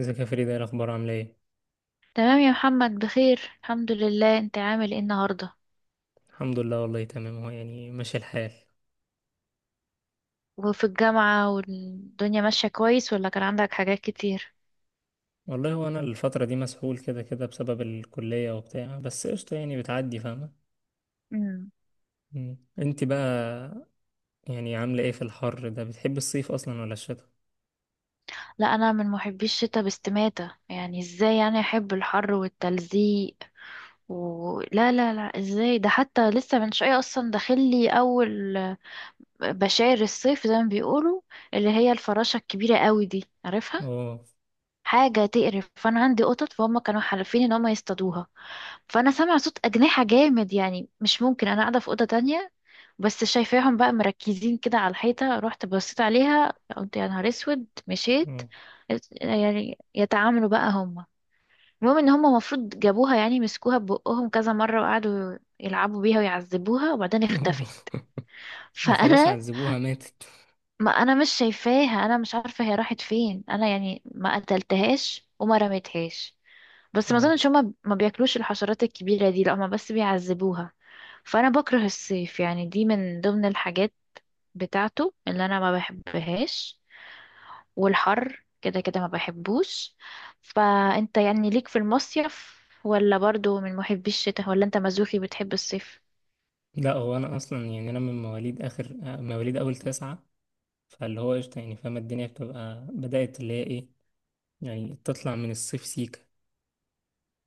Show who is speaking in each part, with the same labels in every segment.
Speaker 1: ازيك يا فريدة؟ ايه الاخبار؟ عامله ايه؟
Speaker 2: تمام يا محمد، بخير الحمد لله. انت عامل ايه النهارده
Speaker 1: الحمد لله، والله تمام، هو يعني ماشي الحال.
Speaker 2: وفي الجامعة والدنيا ماشية كويس، ولا كان عندك حاجات كتير؟
Speaker 1: والله هو انا الفتره دي مسحول كده كده بسبب الكليه وبتاع، بس قشطه يعني، بتعدي، فاهمه.
Speaker 2: مم.
Speaker 1: مم. انت بقى يعني عامله ايه في الحر ده؟ بتحب الصيف اصلا ولا الشتاء؟
Speaker 2: لا، انا من محبي الشتاء باستماتة، يعني ازاي يعني احب الحر والتلزيق لا لا لا، ازاي ده؟ حتى لسه من شوية اصلا داخلي اول بشاير الصيف زي ما بيقولوا، اللي هي الفراشة الكبيرة قوي دي، عارفها؟
Speaker 1: اه.
Speaker 2: حاجة تقرف. فانا عندي قطط، فهم كانوا حالفين ان هم يصطادوها. فانا سامعه صوت اجنحه جامد، يعني مش ممكن، انا قاعده في اوضه تانية، بس شايفاهم بقى مركزين كده على الحيطه. رحت بصيت عليها، قلت يا نهار اسود، مشيت
Speaker 1: اه.
Speaker 2: يعني يتعاملوا بقى هم. المهم ان هم المفروض جابوها، يعني مسكوها ببقهم كذا مره وقعدوا يلعبوا بيها ويعذبوها، وبعدين اختفت.
Speaker 1: ما خلاص،
Speaker 2: فانا
Speaker 1: عذبوها، ماتت.
Speaker 2: ما انا مش شايفاها، انا مش عارفه هي راحت فين، انا يعني ما قتلتهاش وما رميتهاش، بس ما
Speaker 1: اه،
Speaker 2: اظنش هما ما بياكلوش الحشرات الكبيره دي، لا هما بس بيعذبوها. فانا بكره الصيف، يعني دي من ضمن الحاجات بتاعته اللي انا ما بحبهاش، والحر كده كده ما بحبوش. فانت يعني ليك في المصيف، ولا برضو من محبي الشتاء، ولا انت مزوخي بتحب الصيف؟
Speaker 1: لا هو انا اصلا يعني انا من مواليد اخر مواليد اول تسعة. فاللي هو قشطه يعني فاهمه، الدنيا بتبقى بدات اللي هي ايه، يعني تطلع من الصيف سيكا.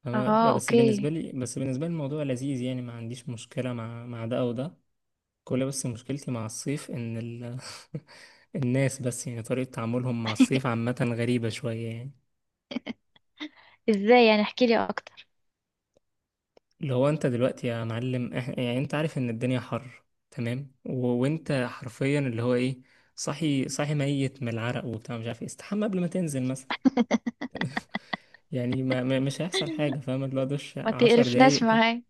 Speaker 1: انا
Speaker 2: اه،
Speaker 1: بس بالنسبه
Speaker 2: اوكي.
Speaker 1: لي الموضوع لذيذ، يعني ما عنديش مشكله مع ده او ده. كل بس مشكلتي مع الصيف ان الناس، بس يعني طريقه تعاملهم مع الصيف عامه غريبه شويه يعني.
Speaker 2: ازاي يعني؟ احكيلي اكتر.
Speaker 1: اللي هو انت دلوقتي يا معلم يعني انت عارف ان الدنيا حر. تمام، وانت حرفيا اللي هو ايه، صاحي صاحي ميت من العرق وبتاع مش عارف ايه، استحمى قبل ما تنزل مثلا. يعني ما... ما... مش هيحصل حاجه، فاهم؟ اللي هو دش
Speaker 2: ما
Speaker 1: 10 دقايق
Speaker 2: تقرفناش
Speaker 1: كده.
Speaker 2: معاك.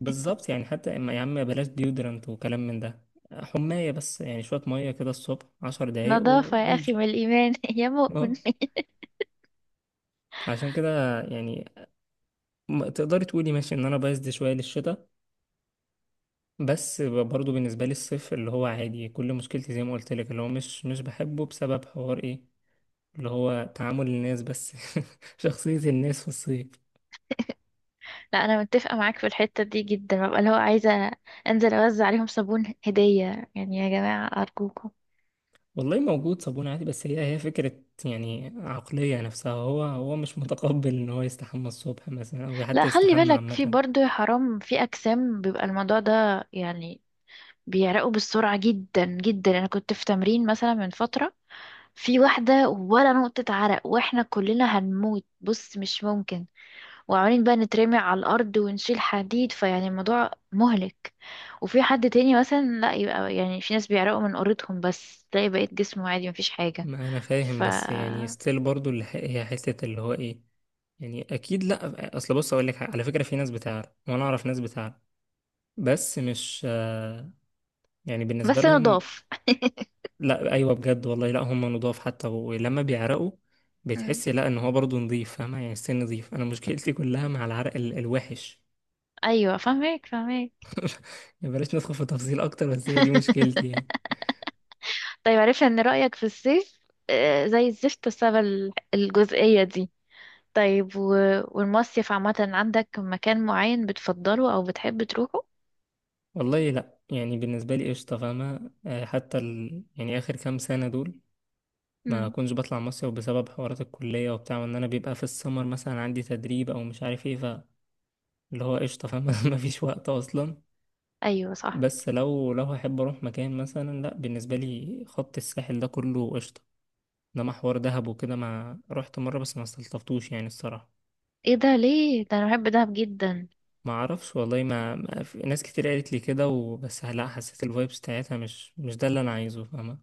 Speaker 1: بالظبط يعني، حتى اما يا عم بلاش ديودرنت وكلام من ده، حماية بس، يعني شوية مية كده الصبح 10 دقايق
Speaker 2: نظافة يا أخي
Speaker 1: وبنزل.
Speaker 2: من الإيمان يا
Speaker 1: اه،
Speaker 2: مؤمن.
Speaker 1: فعشان كده يعني، تقدري تقولي ماشي ان انا بايظ شوية للشتاء، بس برضو بالنسبة لي الصيف اللي هو عادي، كل مشكلتي زي ما قلت لك اللي هو مش بحبه بسبب حوار ايه، اللي هو تعامل الناس بس. شخصية الناس في الصيف.
Speaker 2: لا، أنا متفقة معاك في الحتة دي جدا، ببقى اللي هو عايزة أنزل أوزع عليهم صابون هدية، يعني يا جماعة أرجوكم.
Speaker 1: والله موجود صابون عادي بس، هي فكرة يعني عقلية، نفسها هو مش متقبل ان هو يستحمى الصبح مثلا او
Speaker 2: لا،
Speaker 1: حتى
Speaker 2: خلي
Speaker 1: يستحمى
Speaker 2: بالك، في
Speaker 1: عامة.
Speaker 2: برضه يا حرام في أجسام بيبقى الموضوع ده يعني بيعرقوا بالسرعة جدا جدا. أنا كنت في تمرين مثلا من فترة، في واحدة ولا نقطة عرق، وإحنا كلنا هنموت، بص مش ممكن. وعمالين بقى نترمي على الأرض ونشيل حديد، فيعني الموضوع مهلك. وفي حد تاني مثلا لا، يبقى يعني في ناس بيعرقوا من قرتهم بس تلاقي بقية جسمه عادي مفيش حاجة.
Speaker 1: ما انا فاهم
Speaker 2: ف
Speaker 1: بس يعني ستيل برضو اللي هي حتة اللي هو ايه، يعني اكيد. لا اصل بص اقول لك حاجة، على فكرة في ناس بتعرف، وانا اعرف ناس بتعرف، بس مش يعني بالنسبة
Speaker 2: بس
Speaker 1: لهم.
Speaker 2: نضاف.
Speaker 1: لا، ايوه بجد والله، لا هم نضاف حتى ولما بيعرقوا،
Speaker 2: مم.
Speaker 1: بتحسي لا ان هو برضو نضيف، فاهمة يعني السن نضيف. انا مشكلتي كلها مع العرق الوحش
Speaker 2: أيوة فاهمك فاهمك.
Speaker 1: يعني، بلاش ندخل في تفاصيل اكتر، بس هي دي مشكلتي يعني.
Speaker 2: طيب، عرفنا إن رأيك في الصيف آه، زي الزفت بسبب الجزئية دي. طيب والمصيف عامة عندك مكان معين بتفضله أو بتحب تروحه؟
Speaker 1: والله لا يعني بالنسبة لي قشطة، فاهمة؟ حتى يعني اخر كام سنة دول ما
Speaker 2: مم.
Speaker 1: كنتش بطلع مصيف بسبب حوارات الكلية وبتاع، وان انا بيبقى في السمر مثلا عندي تدريب او مش عارف ايه، فاللي هو قشطة فاهم، مفيش وقت اصلا.
Speaker 2: أيوة صح.
Speaker 1: بس لو هحب اروح مكان مثلا، لا بالنسبة لي خط الساحل ده كله قشطة، انما حوار دهب وكده، ما رحت مرة بس ما استلطفتوش يعني الصراحة.
Speaker 2: ايه ده؟ ليه ده؟ أنا بحب دهب جدا.
Speaker 1: ما اعرفش والله، ما في ناس كتير قالت لي كده، وبس لا حسيت الفايبس بتاعتها مش ده اللي انا عايزه، فاهمة؟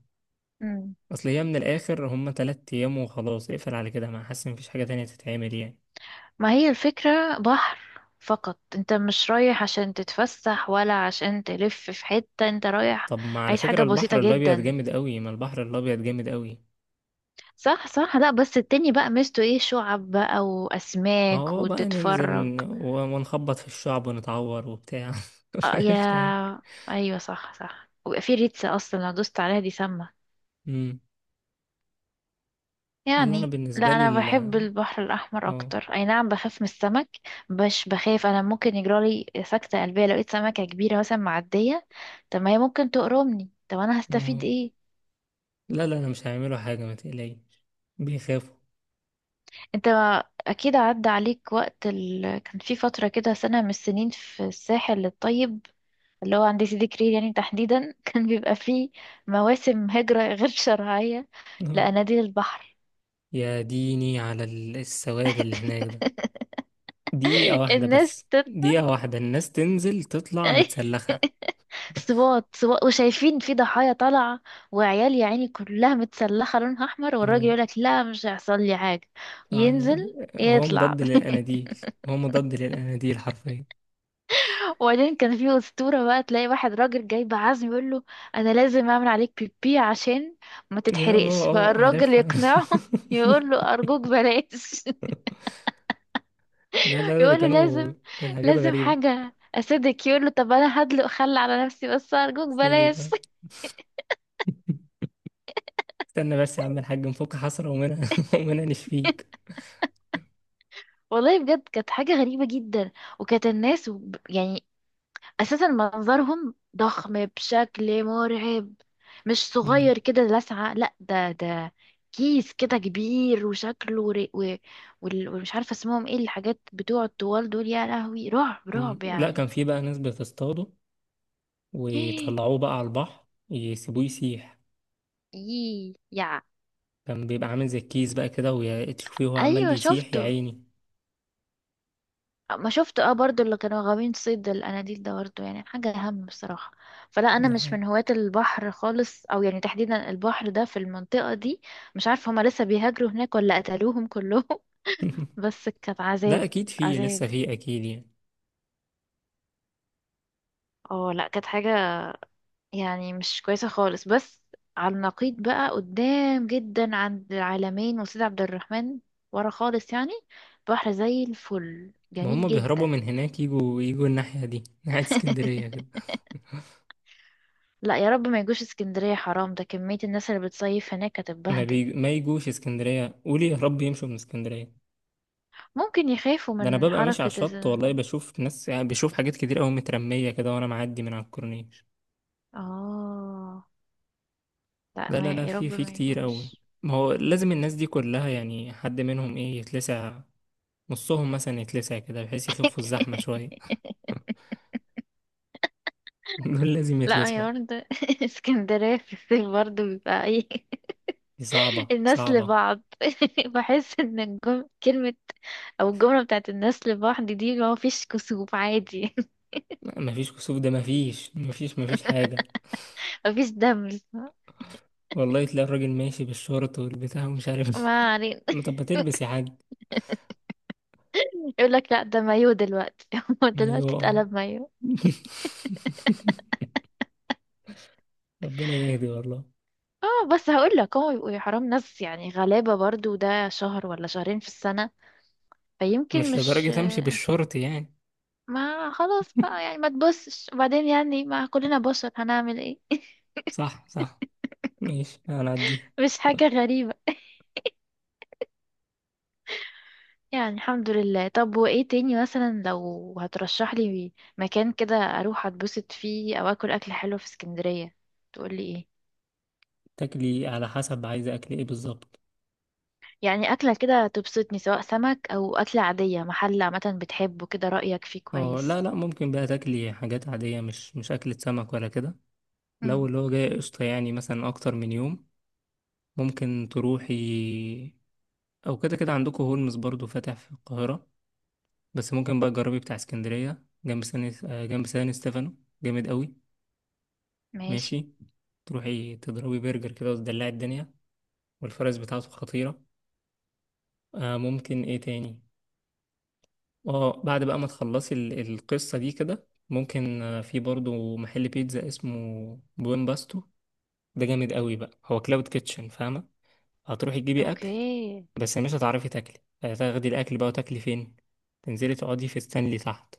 Speaker 2: مم.
Speaker 1: اصل هي من الاخر هما 3 ايام وخلاص، اقفل على كده ما حاسس إن مفيش حاجة تانية تتعمل يعني.
Speaker 2: ما هي الفكرة بحر فقط، انت مش رايح عشان تتفسح ولا عشان تلف في حتة، انت رايح
Speaker 1: طب ما على
Speaker 2: عايز
Speaker 1: فكرة
Speaker 2: حاجة بسيطة
Speaker 1: البحر الأبيض
Speaker 2: جدا.
Speaker 1: جامد قوي، ما البحر الأبيض جامد قوي.
Speaker 2: صح صح، لا بس التاني بقى ميزته ايه؟ شعب بقى
Speaker 1: ما
Speaker 2: واسماك
Speaker 1: هو بقى ننزل
Speaker 2: وتتفرج.
Speaker 1: ونخبط في الشعب ونتعور وبتاع،
Speaker 2: آه
Speaker 1: قشطة يعني.
Speaker 2: يا، ايوه صح صح، ويبقى في ريتسة اصلا لو دوست عليها دي سامة
Speaker 1: أمم. ده اللي أنا
Speaker 2: يعني. لا
Speaker 1: بالنسبة لي
Speaker 2: انا
Speaker 1: ال،
Speaker 2: بحب البحر الاحمر
Speaker 1: اه.
Speaker 2: اكتر، اي نعم بخاف من السمك، مش بخاف، انا ممكن يجرالي سكتة قلبية لو لقيت سمكة كبيرة مثلا معدية. طب ما هي ممكن تقرمني، طب انا هستفيد
Speaker 1: اه،
Speaker 2: ايه؟
Speaker 1: لا لا، أنا مش هيعملوا حاجة، ما تقلقيش. بيخافوا.
Speaker 2: انت اكيد عدى عليك وقت كان في فترة كده سنة من السنين في الساحل الطيب، اللي هو عند سيدي كرير يعني تحديدا. كان بيبقى فيه مواسم هجرة غير شرعية
Speaker 1: اه،
Speaker 2: لأناديل البحر.
Speaker 1: يا ديني على السواد اللي هناك ده. دقيقة واحدة
Speaker 2: الناس
Speaker 1: بس، دقيقة واحدة الناس تنزل تطلع متسلخة.
Speaker 2: صوات صوات وشايفين في ضحايا طالعة، وعيال يا عيني كلها متسلخة لونها أحمر، والراجل
Speaker 1: اه.
Speaker 2: يقولك لا مش هيحصل لي حاجة، ينزل
Speaker 1: يعني هو
Speaker 2: يطلع.
Speaker 1: مضاد للأناديل، هو مضاد للأناديل حرفيا.
Speaker 2: وبعدين كان في أسطورة بقى، تلاقي واحد راجل جايب عزم يقول له أنا لازم أعمل عليك بيبي عشان ما
Speaker 1: يا
Speaker 2: تتحرقش.
Speaker 1: اه، اه،
Speaker 2: فالراجل
Speaker 1: عارفها.
Speaker 2: يقنعه يقول له أرجوك بلاش.
Speaker 1: لا لا لا، ده
Speaker 2: يقول له
Speaker 1: كانوا
Speaker 2: لازم،
Speaker 1: كانت حاجات
Speaker 2: لازم
Speaker 1: غريبة.
Speaker 2: حاجة أسيدك. يقول له طب أنا هدلق خل على نفسي بس أرجوك
Speaker 1: سيدي
Speaker 2: بلاش.
Speaker 1: ده. استنى بس يا عم الحاج نفك حسرة ومنها، ومنها نشفيك.
Speaker 2: والله بجد كانت حاجة غريبة جدا. وكانت الناس يعني اساسا منظرهم ضخم بشكل مرعب، مش
Speaker 1: مم.
Speaker 2: صغير كده لسعة، لا ده كيس كده كبير، وشكله ومش عارفة اسمهم ايه الحاجات بتوع الطوال دول، يا لهوي رعب
Speaker 1: مم.
Speaker 2: رعب
Speaker 1: لا
Speaker 2: يعني.
Speaker 1: كان في بقى ناس بتصطاده ويطلعوه بقى على البحر يسيبوه يسيح.
Speaker 2: يي يا،
Speaker 1: كان بيبقى عامل زي الكيس بقى كده، وتشوفيه وهو عمال
Speaker 2: ايوه
Speaker 1: بيسيح يا
Speaker 2: شفته،
Speaker 1: عيني.
Speaker 2: ما شفته اه، برضو اللي كانوا غاويين صيد الاناديل ده، برضو يعني حاجة اهم بصراحة. فلا انا
Speaker 1: ده
Speaker 2: مش
Speaker 1: حقيقي.
Speaker 2: من هواة البحر خالص، او يعني تحديدا البحر ده في المنطقة دي. مش عارفة هما لسه بيهاجروا هناك ولا قتلوهم كلهم. بس كانت
Speaker 1: لا
Speaker 2: عذاب.
Speaker 1: اكيد في،
Speaker 2: عذاب،
Speaker 1: لسه في اكيد يعني.
Speaker 2: اه، لا كانت حاجة يعني مش كويسة خالص. بس على النقيض بقى قدام جدا عند العلمين وسيد عبد الرحمن، ورا خالص يعني، بحر زي الفل
Speaker 1: ما
Speaker 2: جميل
Speaker 1: هم بيهربوا
Speaker 2: جدا.
Speaker 1: من هناك، يجوا يجوا الناحية دي، ناحية اسكندرية كده.
Speaker 2: لا يا رب ما يجوش اسكندرية حرام، ده كمية الناس اللي بتصيف هناك هتتبهدل.
Speaker 1: ما يجوش اسكندرية، قولي يا رب يمشوا من اسكندرية.
Speaker 2: ممكن يخافوا
Speaker 1: ده انا
Speaker 2: من
Speaker 1: ببقى ماشي على
Speaker 2: حركة
Speaker 1: الشط والله بشوف ناس، يعني بشوف حاجات كتير قوي مترمية كده وانا معدي من على الكورنيش.
Speaker 2: اه لا،
Speaker 1: لا لا
Speaker 2: ما
Speaker 1: لا،
Speaker 2: يا
Speaker 1: في
Speaker 2: رب ما
Speaker 1: كتير قوي،
Speaker 2: يجوش.
Speaker 1: ما هو لازم
Speaker 2: مم.
Speaker 1: الناس دي كلها يعني حد منهم ايه يتلسع، نصهم مثلا يتلسع كده بحيث يخفوا الزحمة شوية. دول لازم
Speaker 2: لا
Speaker 1: يتلسعوا.
Speaker 2: هي برضه اسكندرية في الصيف برضه بيبقى ايه.
Speaker 1: دي صعبة
Speaker 2: الناس
Speaker 1: صعبة.
Speaker 2: لبعض بحس ان كلمة او الجملة بتاعت الناس لبعض دي، ما فيش كسوف عادي.
Speaker 1: لا، مفيش كسوف ده، مفيش مفيش مفيش حاجة.
Speaker 2: ما فيش دم.
Speaker 1: والله تلاقي الراجل ماشي بالشورت والبتاع ومش عارف.
Speaker 2: ما علينا.
Speaker 1: طب ما تلبس يا حاج.
Speaker 2: يقول لك لا ده مايو دلوقتي. هو دلوقتي
Speaker 1: ايوه. آه.
Speaker 2: اتقلب مايو؟
Speaker 1: ربنا يهدي والله.
Speaker 2: اه بس هقول لك، هو بيبقوا يا حرام ناس يعني غلابة برضه، ده شهر ولا شهرين في السنة، فيمكن
Speaker 1: مش
Speaker 2: مش.
Speaker 1: لدرجة امشي بالشورت يعني.
Speaker 2: ما خلاص بقى يعني، ما تبصش، وبعدين يعني ما كلنا بشر هنعمل ايه.
Speaker 1: صح، صح، ماشي انا عدي.
Speaker 2: مش حاجة غريبة يعني، الحمد لله. طب وايه تاني مثلا لو هترشح لي مكان كده اروح اتبسط فيه، او اكل اكل حلو في اسكندرية، تقولي ايه؟
Speaker 1: تاكلي على حسب عايزة اكل ايه بالظبط.
Speaker 2: يعني اكلة كده تبسطني، سواء سمك او اكلة عادية، محل عامة بتحبه كده رأيك فيه
Speaker 1: اه، لا
Speaker 2: كويس.
Speaker 1: لا، ممكن بقى تاكلي حاجات عادية، مش اكلة سمك ولا كده. لو
Speaker 2: امم،
Speaker 1: اللي هو جاي قشطة يعني مثلا اكتر من يوم ممكن تروحي، او كده كده عندكم هولمز برضو فاتح في القاهرة، بس ممكن بقى تجربي بتاع اسكندرية جنب سان جنب سان ستيفانو، جامد قوي.
Speaker 2: ماشي.
Speaker 1: ماشي، تروحي تضربي برجر كده وتدلعي الدنيا، والفرز بتاعته خطيرة. ممكن ايه تاني؟ اه، بعد بقى ما تخلصي القصة دي كده، ممكن في برضو محل بيتزا اسمه بوين باستو، ده جامد قوي بقى، هو كلاود كيتشن فاهمة؟ هتروحي تجيبي أكل
Speaker 2: اوكي،
Speaker 1: بس مش هتعرفي تاكلي، هتاخدي الأكل بقى وتاكلي فين؟ تنزلي تقعدي في ستانلي تحت،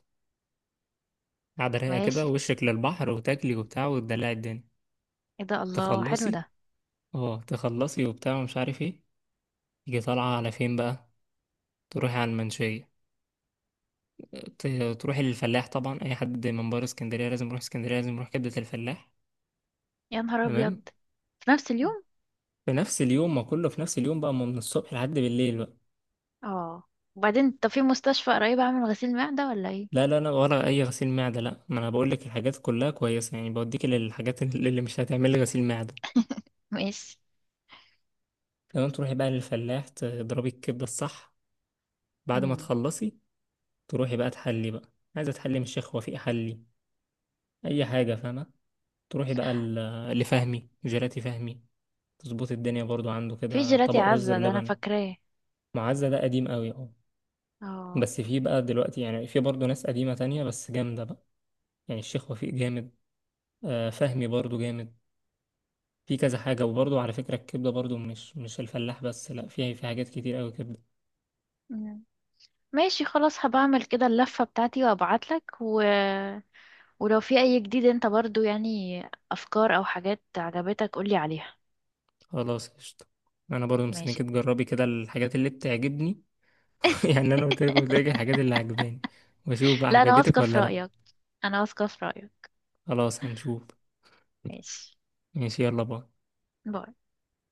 Speaker 1: قاعدة رايقة كده
Speaker 2: ماشي.
Speaker 1: ووشك للبحر، وتاكلي وبتاع وتدلعي الدنيا.
Speaker 2: ايه ده، الله حلو
Speaker 1: تخلصي،
Speaker 2: ده.
Speaker 1: اه تخلصي وبتاع ومش عارف ايه، تيجي طالعة على فين بقى؟ تروحي على المنشية، تروح الفلاح طبعا، اي حد من بره اسكندريه لازم يروح اسكندريه، لازم يروح كبده الفلاح.
Speaker 2: يا نهار
Speaker 1: تمام،
Speaker 2: ابيض، في نفس اليوم؟
Speaker 1: في نفس اليوم، ما كله في نفس اليوم بقى، ما من الصبح لحد بالليل بقى.
Speaker 2: اه، وبعدين طب في مستشفى قريب اعمل غسيل معدة ولا ايه؟
Speaker 1: لا لا لا، ولا اي غسيل معده، لا ما انا بقول لك الحاجات كلها كويسه يعني، بوديك للحاجات اللي مش هتعمل لي غسيل معده.
Speaker 2: ماشي.
Speaker 1: تمام، تروحي بقى للفلاح تضربي الكبده الصح، بعد ما
Speaker 2: امم.
Speaker 1: تخلصي تروحي بقى تحلي بقى، عايزه تحلي من الشيخ وفيق حلي اي حاجه فاهمه. تروحي بقى لفهمي جيلاتي فهمي، تظبط الدنيا برضو عنده
Speaker 2: في
Speaker 1: كده
Speaker 2: جيلاتي
Speaker 1: طبق رز
Speaker 2: عزة، ده انا
Speaker 1: بلبن.
Speaker 2: فاكراه.
Speaker 1: معزة ده قديم قوي اه،
Speaker 2: اه.
Speaker 1: بس في بقى دلوقتي يعني في برضه ناس قديمة تانية بس جامدة بقى. يعني الشيخ وفيق جامد، فهمي برضه جامد، في كذا حاجة. وبرضه على فكرة الكبدة برضه مش الفلاح بس، لا فيها، في حاجات كتير قوي كبدة.
Speaker 2: ماشي خلاص، هبعمل كده اللفة بتاعتي وابعتلك ولو في اي جديد انت برضو يعني افكار او حاجات عجبتك قولي عليها.
Speaker 1: خلاص قشطة، انا برضه مستنيك
Speaker 2: ماشي.
Speaker 1: تجربي كده الحاجات اللي بتعجبني. يعني انا قلت لك الحاجات اللي عجباني، واشوف بقى
Speaker 2: لا انا
Speaker 1: عجبتك
Speaker 2: واثقة في
Speaker 1: ولا لا.
Speaker 2: رأيك، انا واثقة في رأيك.
Speaker 1: خلاص هنشوف.
Speaker 2: ماشي،
Speaker 1: ماشي يلا باي.
Speaker 2: باي.